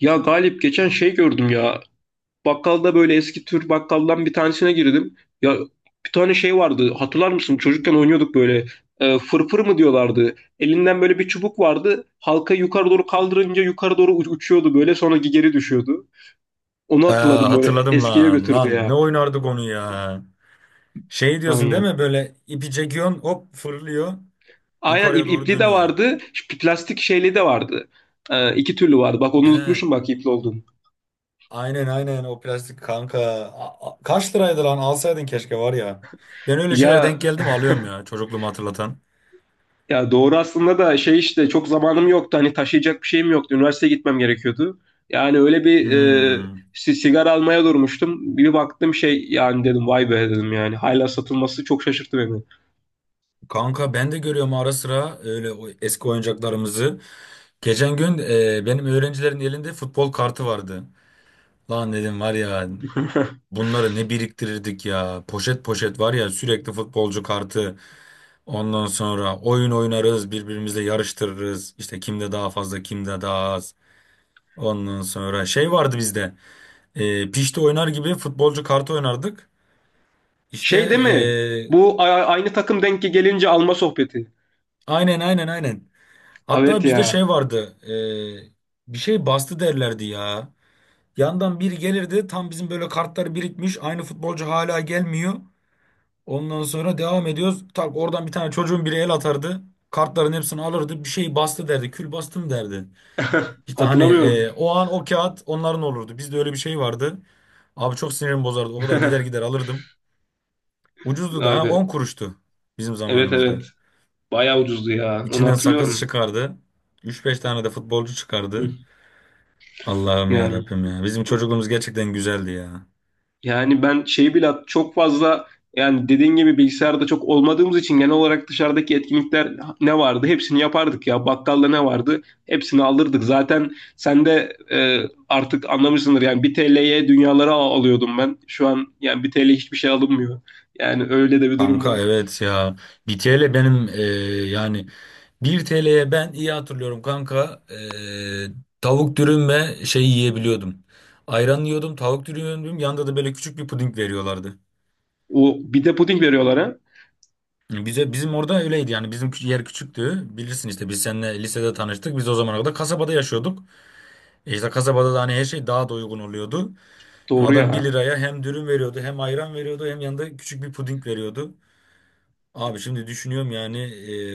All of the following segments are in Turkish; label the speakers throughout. Speaker 1: Ya Galip geçen şey gördüm ya. Bakkalda böyle eski tür bakkaldan bir tanesine girdim. Ya bir tane şey vardı. Hatırlar mısın? Çocukken oynuyorduk böyle. Fırfır mı diyorlardı. Elinden böyle bir çubuk vardı. Halka yukarı doğru kaldırınca yukarı doğru uçuyordu böyle. Sonra geri düşüyordu. Onu
Speaker 2: Aa,
Speaker 1: hatırladım böyle.
Speaker 2: hatırladım
Speaker 1: Eskiye
Speaker 2: lan.
Speaker 1: götürdü
Speaker 2: Lan ne
Speaker 1: ya.
Speaker 2: oynardık onu ya. Şey diyorsun değil
Speaker 1: Aynen.
Speaker 2: mi? Böyle ipi çekiyorsun hop fırlıyor.
Speaker 1: Aynen
Speaker 2: Yukarıya doğru
Speaker 1: ipli de
Speaker 2: dönüyor.
Speaker 1: vardı. Plastik şeyli de vardı. İki türlü vardı. Bak onu
Speaker 2: He. A-
Speaker 1: unutmuşum bak ipli olduğunu.
Speaker 2: Aynen aynen o plastik kanka. Kaç liraydı lan? Alsaydın keşke var ya. Ben öyle şeyler
Speaker 1: Ya
Speaker 2: denk geldim alıyorum ya. Çocukluğumu hatırlatan.
Speaker 1: Ya doğru aslında da şey işte çok zamanım yoktu. Hani taşıyacak bir şeyim yoktu. Üniversiteye gitmem gerekiyordu. Yani öyle bir
Speaker 2: Hmm.
Speaker 1: sigara almaya durmuştum. Bir baktım şey yani dedim vay be dedim yani. Hala satılması çok şaşırttı beni.
Speaker 2: Kanka ben de görüyorum ara sıra öyle o eski oyuncaklarımızı. Geçen gün benim öğrencilerin elinde futbol kartı vardı. Lan dedim var ya. Bunları ne biriktirirdik ya. Poşet poşet var ya sürekli futbolcu kartı. Ondan sonra oyun oynarız, birbirimizle yarıştırırız. İşte kimde daha fazla, kimde daha az. Ondan sonra şey vardı bizde. E, pişti oynar gibi futbolcu kartı oynardık. İşte
Speaker 1: Şey değil mi? Bu aynı takım denk gelince alma sohbeti.
Speaker 2: aynen aynen aynen.
Speaker 1: Evet
Speaker 2: Hatta bizde
Speaker 1: ya.
Speaker 2: şey vardı. Bir şey bastı derlerdi ya. Yandan biri gelirdi. Tam bizim böyle kartlar birikmiş. Aynı futbolcu hala gelmiyor. Ondan sonra devam ediyoruz. Tak oradan bir tane çocuğun biri el atardı. Kartların hepsini alırdı. Bir şey bastı derdi. Kül bastım derdi. İşte hani
Speaker 1: Hatırlamıyorum.
Speaker 2: o an o kağıt onların olurdu. Bizde öyle bir şey vardı. Abi çok sinirimi bozardı. O kadar gider gider alırdım. Ucuzdu da ha
Speaker 1: Abi.
Speaker 2: 10 kuruştu bizim
Speaker 1: Evet, evet.
Speaker 2: zamanımızda.
Speaker 1: Bayağı ucuzdu ya. Onu
Speaker 2: İçinden sakız
Speaker 1: hatırlıyorum.
Speaker 2: çıkardı. Üç beş tane de futbolcu çıkardı.
Speaker 1: Hı.
Speaker 2: Allah'ım ya
Speaker 1: Yani.
Speaker 2: Rabbim ya. Bizim çocukluğumuz gerçekten güzeldi ya.
Speaker 1: Yani ben şeyi bile çok fazla yani dediğin gibi bilgisayarda çok olmadığımız için genel olarak dışarıdaki etkinlikler ne vardı? Hepsini yapardık ya. Bakkalda ne vardı? Hepsini alırdık. Zaten sen de artık anlamışsındır yani 1 TL'ye dünyaları alıyordum ben. Şu an yani 1 TL hiçbir şey alınmıyor. Yani öyle de bir durum
Speaker 2: Kanka
Speaker 1: var.
Speaker 2: evet ya. Bir TL benim yani 1 TL'ye ben iyi hatırlıyorum kanka. Tavuk dürüm ve şey yiyebiliyordum. Ayran yiyordum, tavuk dürüm yiyordum. Yanında da böyle küçük bir puding veriyorlardı.
Speaker 1: O bir de puding veriyorlar ha.
Speaker 2: Bize bizim orada öyleydi yani bizim yer küçüktü. Bilirsin işte biz seninle lisede tanıştık. Biz o zamana kadar kasabada yaşıyorduk. E işte kasabada da hani her şey daha da uygun oluyordu. Yani
Speaker 1: Doğru
Speaker 2: adam bir
Speaker 1: ya.
Speaker 2: liraya hem dürüm veriyordu, hem ayran veriyordu, hem yanında küçük bir puding veriyordu. Abi şimdi düşünüyorum yani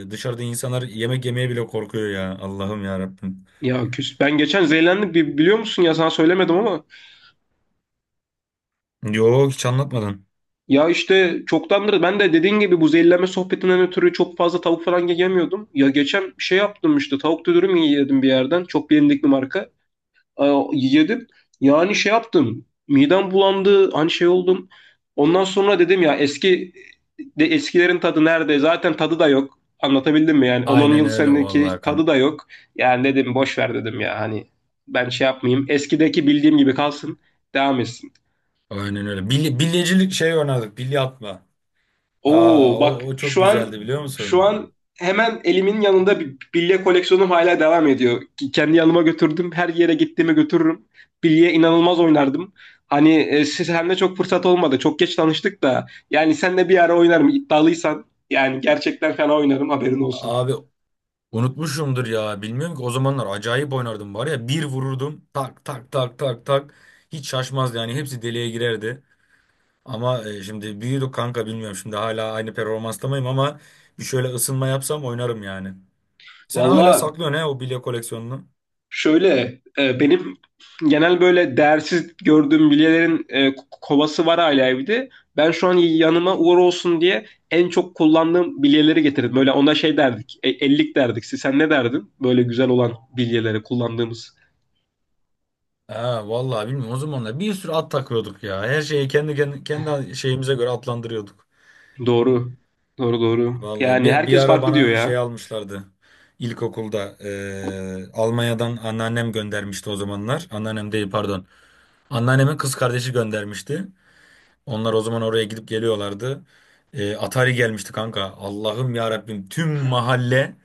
Speaker 2: dışarıda insanlar yemek yemeye bile korkuyor ya. Allah'ım ya Rabbim.
Speaker 1: Ya küs. Ben geçen zehirlendim. Biliyor musun ya, sana söylemedim ama
Speaker 2: Yok hiç anlatmadın.
Speaker 1: ya işte çoktandır ben de dediğin gibi bu zehirlenme sohbetinden ötürü çok fazla tavuk falan yiyemiyordum. Ya geçen bir şey yaptım işte, tavuk dürüm yedim bir yerden. Çok bilindik bir marka. Yedim. Yani şey yaptım. Midem bulandı. Hani şey oldum. Ondan sonra dedim ya eski de eskilerin tadı nerede? Zaten tadı da yok. Anlatabildim mi yani? On-on
Speaker 2: Aynen
Speaker 1: yıl
Speaker 2: öyle vallahi
Speaker 1: seneki tadı
Speaker 2: Hakan.
Speaker 1: da yok. Yani dedim boş ver dedim ya, hani ben şey yapmayayım. Eskideki bildiğim gibi kalsın. Devam etsin.
Speaker 2: Aynen öyle. Bilye, bilyecilik şey oynardık. Bilye atma. Aa
Speaker 1: Oo
Speaker 2: o,
Speaker 1: bak
Speaker 2: o çok
Speaker 1: şu an
Speaker 2: güzeldi biliyor
Speaker 1: şu
Speaker 2: musun?
Speaker 1: an hemen elimin yanında bir bilye koleksiyonum hala devam ediyor. Ki kendi yanıma götürdüm. Her yere gittiğimi götürürüm. Bilye inanılmaz oynardım. Hani siz hem de çok fırsat olmadı. Çok geç tanıştık da. Yani senle bir ara oynarım iddialıysan. Yani gerçekten fena oynarım haberin olsun.
Speaker 2: Abi unutmuşumdur ya. Bilmiyorum ki o zamanlar acayip oynardım var ya. Bir vururdum tak tak tak tak tak. Hiç şaşmazdı yani hepsi deliğe girerdi. Ama şimdi büyüdük kanka bilmiyorum. Şimdi hala aynı performansta mıyım ama bir şöyle ısınma yapsam oynarım yani. Sen hala
Speaker 1: Valla
Speaker 2: saklıyorsun he o bilye koleksiyonunu.
Speaker 1: şöyle benim genel böyle değersiz gördüğüm bilyelerin kovası var hala evde. Ben şu an yanıma uğur olsun diye en çok kullandığım bilyeleri getirdim. Böyle ona şey derdik, ellik derdik. Sen ne derdin? Böyle güzel olan bilyeleri kullandığımız.
Speaker 2: Ha vallahi bilmiyorum o zamanlar bir sürü at takıyorduk ya. Her şeyi kendi kendi, kendi şeyimize göre atlandırıyorduk.
Speaker 1: Doğru, doğru, doğru.
Speaker 2: Vallahi
Speaker 1: Yani
Speaker 2: bir
Speaker 1: herkes
Speaker 2: ara
Speaker 1: farklı diyor
Speaker 2: bana
Speaker 1: ya.
Speaker 2: şey almışlardı. İlkokulda Almanya'dan anneannem göndermişti o zamanlar. Anneannem değil pardon. Anneannemin kız kardeşi göndermişti. Onlar o zaman oraya gidip geliyorlardı. Atari gelmişti kanka. Allah'ım ya Rabbim tüm mahalle.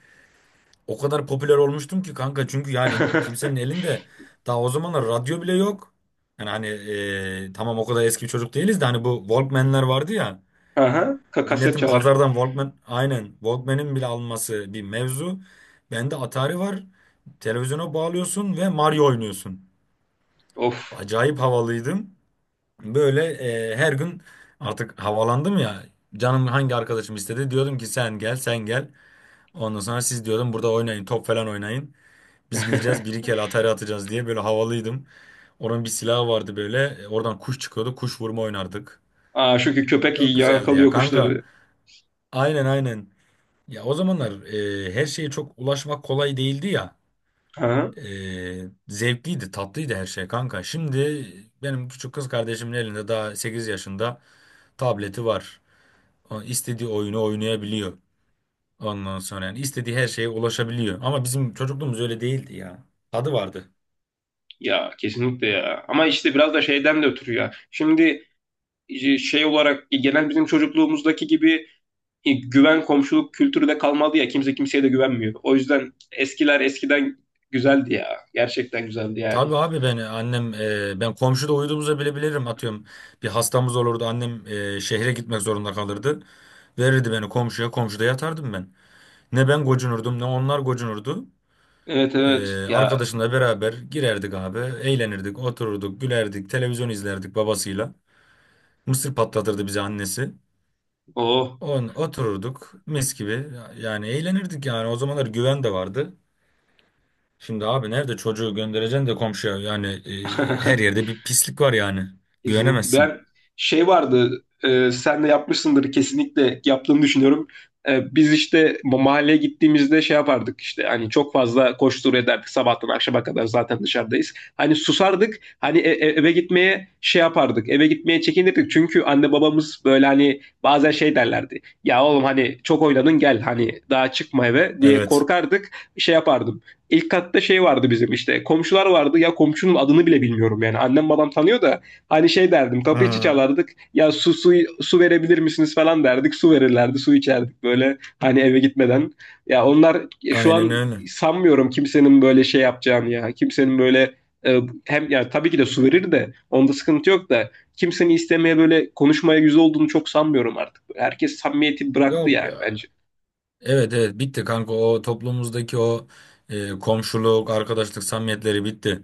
Speaker 2: O kadar popüler olmuştum ki kanka çünkü yani kimsenin elinde daha o zamanlar radyo bile yok. Yani hani tamam o kadar eski bir çocuk değiliz de hani bu Walkman'ler vardı ya.
Speaker 1: Aha, kaset
Speaker 2: Milletin
Speaker 1: çalar.
Speaker 2: pazardan Walkman aynen Walkman'in bile alması bir mevzu. Bende Atari var. Televizyona bağlıyorsun ve Mario oynuyorsun.
Speaker 1: Of.
Speaker 2: Acayip havalıydım. Böyle her gün artık havalandım ya. Canım hangi arkadaşım istedi diyordum ki sen gel sen gel. Ondan sonra siz diyordum burada oynayın top falan oynayın. Biz gideceğiz bir iki el Atari atacağız diye böyle havalıydım. Onun bir silahı vardı böyle. Oradan kuş çıkıyordu. Kuş vurma oynardık.
Speaker 1: Çünkü köpek
Speaker 2: Çok güzeldi ya
Speaker 1: yakalıyor
Speaker 2: kanka.
Speaker 1: kuşları.
Speaker 2: Aynen aynen. Ya o zamanlar her şeye çok ulaşmak kolay değildi ya.
Speaker 1: Aha.
Speaker 2: E, Zevkliydi, tatlıydı her şey kanka. Şimdi benim küçük kız kardeşimin elinde daha 8 yaşında tableti var. O istediği oyunu oynayabiliyor. Ondan sonra yani istediği her şeye ulaşabiliyor. Ama bizim çocukluğumuz öyle değildi ya. Tadı vardı.
Speaker 1: Ya kesinlikle ya. Ama işte biraz da şeyden de ötürü ya. Şimdi şey olarak genel bizim çocukluğumuzdaki gibi güven komşuluk kültürü de kalmadı ya, kimse kimseye de güvenmiyor. O yüzden eskiler eskiden güzeldi ya. Gerçekten güzeldi
Speaker 2: Tabii
Speaker 1: yani.
Speaker 2: abi ben annem ben komşuda uyuduğumuzu bile bilirim atıyorum. Bir hastamız olurdu annem şehre gitmek zorunda kalırdı. Verirdi beni komşuya komşuda yatardım ben. Ne ben gocunurdum ne onlar gocunurdu.
Speaker 1: Evet, evet ya.
Speaker 2: Arkadaşımla beraber girerdik abi eğlenirdik otururduk gülerdik televizyon izlerdik babasıyla. Mısır patlatırdı bize annesi.
Speaker 1: O
Speaker 2: On otururduk mis gibi yani eğlenirdik yani o zamanlar güven de vardı. Şimdi abi nerede çocuğu göndereceksin de komşuya yani her yerde bir pislik var yani.
Speaker 1: Kesinlikle. Ben
Speaker 2: Güvenemezsin.
Speaker 1: şey vardı sen de yapmışsındır, kesinlikle yaptığını düşünüyorum. Biz işte mahalleye gittiğimizde şey yapardık işte, hani çok fazla koştur ederdik sabahtan akşama kadar, zaten dışarıdayız. Hani susardık hani eve gitmeye şey yapardık, eve gitmeye çekinirdik çünkü anne babamız böyle hani bazen şey derlerdi. Ya oğlum hani çok oynadın gel, hani daha çıkma eve diye
Speaker 2: Evet.
Speaker 1: korkardık, şey yapardım. İlk katta şey vardı bizim, işte komşular vardı ya, komşunun adını bile bilmiyorum yani, annem babam tanıyor da hani şey derdim, kapıyı
Speaker 2: Hı.
Speaker 1: çalardık ya, su verebilir misiniz falan derdik, su verirlerdi, su içerdik böyle hani eve gitmeden. Ya onlar şu
Speaker 2: Aynen
Speaker 1: an
Speaker 2: öyle.
Speaker 1: sanmıyorum kimsenin böyle şey yapacağını ya, kimsenin böyle hem ya tabii ki de su verir de onda sıkıntı yok da kimsenin istemeye böyle konuşmaya yüz olduğunu çok sanmıyorum artık. Herkes samimiyeti bıraktı
Speaker 2: Yok ya.
Speaker 1: yani bence.
Speaker 2: Evet evet bitti kanka o toplumumuzdaki o komşuluk, arkadaşlık samimiyetleri bitti.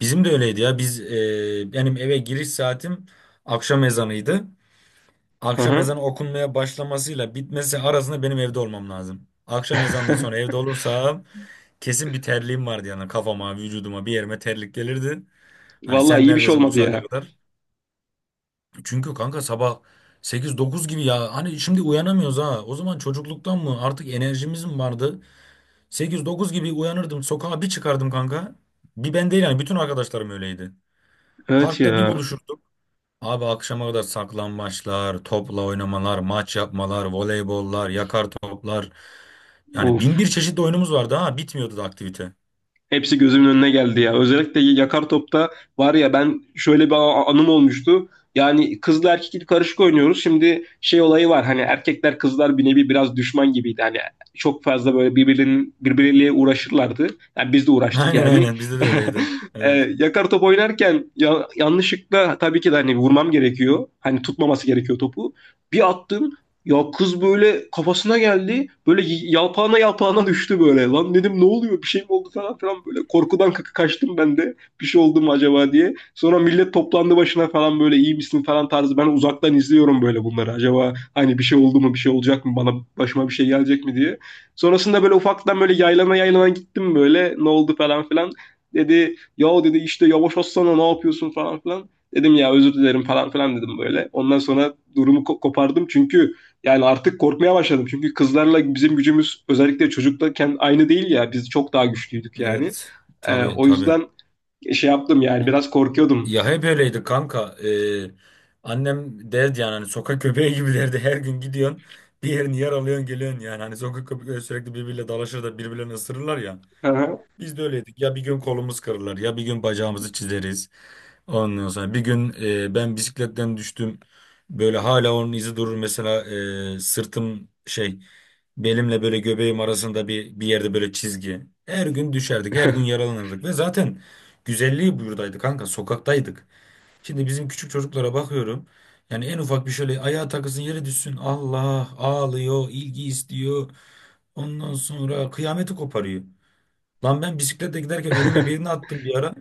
Speaker 2: Bizim de öyleydi ya. Biz benim eve giriş saatim akşam ezanıydı.
Speaker 1: Hı
Speaker 2: Akşam
Speaker 1: hı.
Speaker 2: ezanı okunmaya başlamasıyla bitmesi arasında benim evde olmam lazım. Akşam ezanından sonra evde olursam kesin bir terliğim vardı yani kafama, vücuduma, bir yerime terlik gelirdi. Hani
Speaker 1: Vallahi
Speaker 2: sen
Speaker 1: iyi bir şey
Speaker 2: neredesin bu
Speaker 1: olmadı
Speaker 2: saate
Speaker 1: ya.
Speaker 2: kadar? Çünkü kanka sabah 8-9 gibi ya. Hani şimdi uyanamıyoruz ha. O zaman çocukluktan mı artık enerjimiz mi vardı? 8-9 gibi uyanırdım. Sokağa bir çıkardım kanka. Bir ben değil yani bütün arkadaşlarım öyleydi.
Speaker 1: Evet
Speaker 2: Parkta bir
Speaker 1: ya.
Speaker 2: buluşurduk. Abi akşama kadar saklambaçlar, topla oynamalar, maç yapmalar, voleybollar, yakar toplar. Yani
Speaker 1: Of.
Speaker 2: bin bir çeşit oyunumuz vardı ha. Bitmiyordu da aktivite.
Speaker 1: Hepsi gözümün önüne geldi ya. Özellikle yakar topta var ya, ben şöyle bir anım olmuştu. Yani kızla erkek karışık oynuyoruz. Şimdi şey olayı var. Hani erkekler kızlar bir nevi biraz düşman gibiydi. Hani çok fazla böyle birbirleriyle uğraşırlardı. Yani biz de uğraştık
Speaker 2: Aynen
Speaker 1: yani.
Speaker 2: aynen bizde de öyleydi.
Speaker 1: e,
Speaker 2: Evet.
Speaker 1: yakar top oynarken ya, yanlışlıkla tabii ki de, hani vurmam gerekiyor. Hani tutmaması gerekiyor topu. Bir attım ya, kız böyle kafasına geldi. Böyle yalpağına yalpağına düştü böyle. Lan dedim ne oluyor, bir şey mi oldu falan filan böyle. Korkudan kaka kaçtım ben de. Bir şey oldu mu acaba diye. Sonra millet toplandı başına falan, böyle iyi misin falan tarzı. Ben uzaktan izliyorum böyle bunları. Acaba hani bir şey oldu mu, bir şey olacak mı bana, başıma bir şey gelecek mi diye. Sonrasında böyle ufaktan böyle yaylana yaylana gittim böyle. Ne oldu falan filan. Dedi ya dedi işte yavaş atsana, ne yapıyorsun falan filan. Dedim ya özür dilerim falan filan dedim böyle. Ondan sonra durumu kopardım çünkü yani artık korkmaya başladım. Çünkü kızlarla bizim gücümüz özellikle çocuktayken aynı değil ya. Biz çok daha güçlüydük yani.
Speaker 2: Evet. Tabii
Speaker 1: O
Speaker 2: tabii.
Speaker 1: yüzden şey yaptım yani, biraz korkuyordum.
Speaker 2: Ya hep öyleydi kanka. Annem derdi yani hani sokak köpeği gibi derdi. Her gün gidiyorsun bir yerini yaralıyorsun geliyorsun yani. Hani sokak köpekleri sürekli birbiriyle dalaşır da birbirlerini ısırırlar ya. Biz de öyleydik. Ya bir gün kolumuz kırılır ya bir gün bacağımızı çizeriz. Ondan sonra bir gün ben bisikletten düştüm. Böyle hala onun izi durur. Mesela sırtım şey belimle böyle göbeğim arasında bir yerde böyle çizgi. Her gün düşerdik her gün yaralanırdık ve zaten güzelliği buradaydı kanka sokaktaydık. Şimdi bizim küçük çocuklara bakıyorum. Yani en ufak bir şöyle ayağa takılsın yere düşsün. Allah ağlıyor, ilgi istiyor. Ondan sonra kıyameti koparıyor. Lan ben bisikletle giderken önüme birini attım bir ara.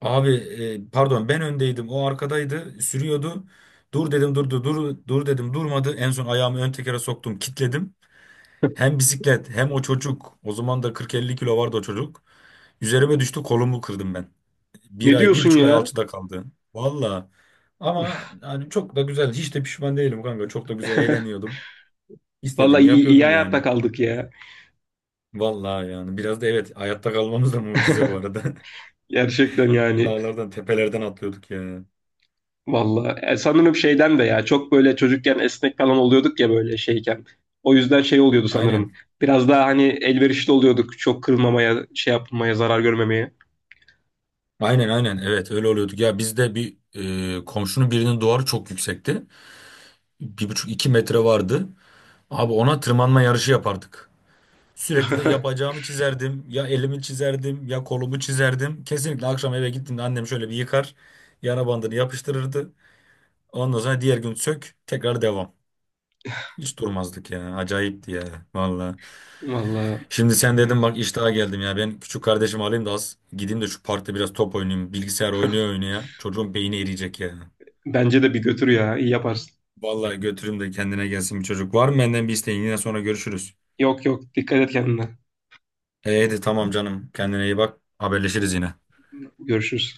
Speaker 2: Abi pardon ben öndeydim o arkadaydı sürüyordu. Dur dedim durdu dur dur dedim durmadı. En son ayağımı ön tekere soktum kitledim. Hem bisiklet hem o çocuk o zaman da 40-50 kilo vardı o çocuk. Üzerime düştü kolumu kırdım ben. Bir
Speaker 1: Ne
Speaker 2: ay, bir
Speaker 1: diyorsun
Speaker 2: buçuk ay
Speaker 1: ya?
Speaker 2: alçıda kaldı. Valla. Ama yani çok da güzel. Hiç de pişman değilim kanka. Çok da güzel eğleniyordum.
Speaker 1: Vallahi
Speaker 2: İstediğimi
Speaker 1: iyi
Speaker 2: yapıyordum
Speaker 1: hayatta
Speaker 2: yani.
Speaker 1: kaldık ya.
Speaker 2: Valla yani. Biraz da evet hayatta kalmamız da mucize bu arada.
Speaker 1: Gerçekten yani.
Speaker 2: Dağlardan, tepelerden atlıyorduk ya.
Speaker 1: Vallahi sanırım şeyden de ya, çok böyle çocukken esnek falan oluyorduk ya böyle şeyken. O yüzden şey oluyordu sanırım.
Speaker 2: Aynen.
Speaker 1: Biraz daha hani elverişli oluyorduk. Çok kırılmamaya, şey yapmamaya, zarar görmemeye.
Speaker 2: Aynen aynen. Evet öyle oluyorduk. Ya bizde bir komşunun birinin duvarı çok yüksekti. 1,5-2 metre vardı. Abi ona tırmanma yarışı yapardık. Sürekli de yapacağımı çizerdim, ya elimi çizerdim, ya kolumu çizerdim. Kesinlikle akşam eve gittiğimde annem şöyle bir yıkar, yara bandını yapıştırırdı. Ondan sonra diğer gün sök, tekrar devam. Hiç durmazdık ya. Acayipti ya. Valla.
Speaker 1: Vallahi
Speaker 2: Şimdi sen dedim bak iştaha geldim ya. Ben küçük kardeşimi alayım da az gideyim de şu parkta biraz top oynayayım. Bilgisayar oynuyor oynuyor. Çocuğun beyni eriyecek ya.
Speaker 1: bence de bir götür ya. İyi yaparsın.
Speaker 2: Vallahi götüreyim de kendine gelsin bir çocuk. Var mı benden bir isteğin? Yine sonra görüşürüz.
Speaker 1: Yok, yok, dikkat et kendine.
Speaker 2: Hey, hadi tamam canım. Kendine iyi bak. Haberleşiriz yine.
Speaker 1: Görüşürüz.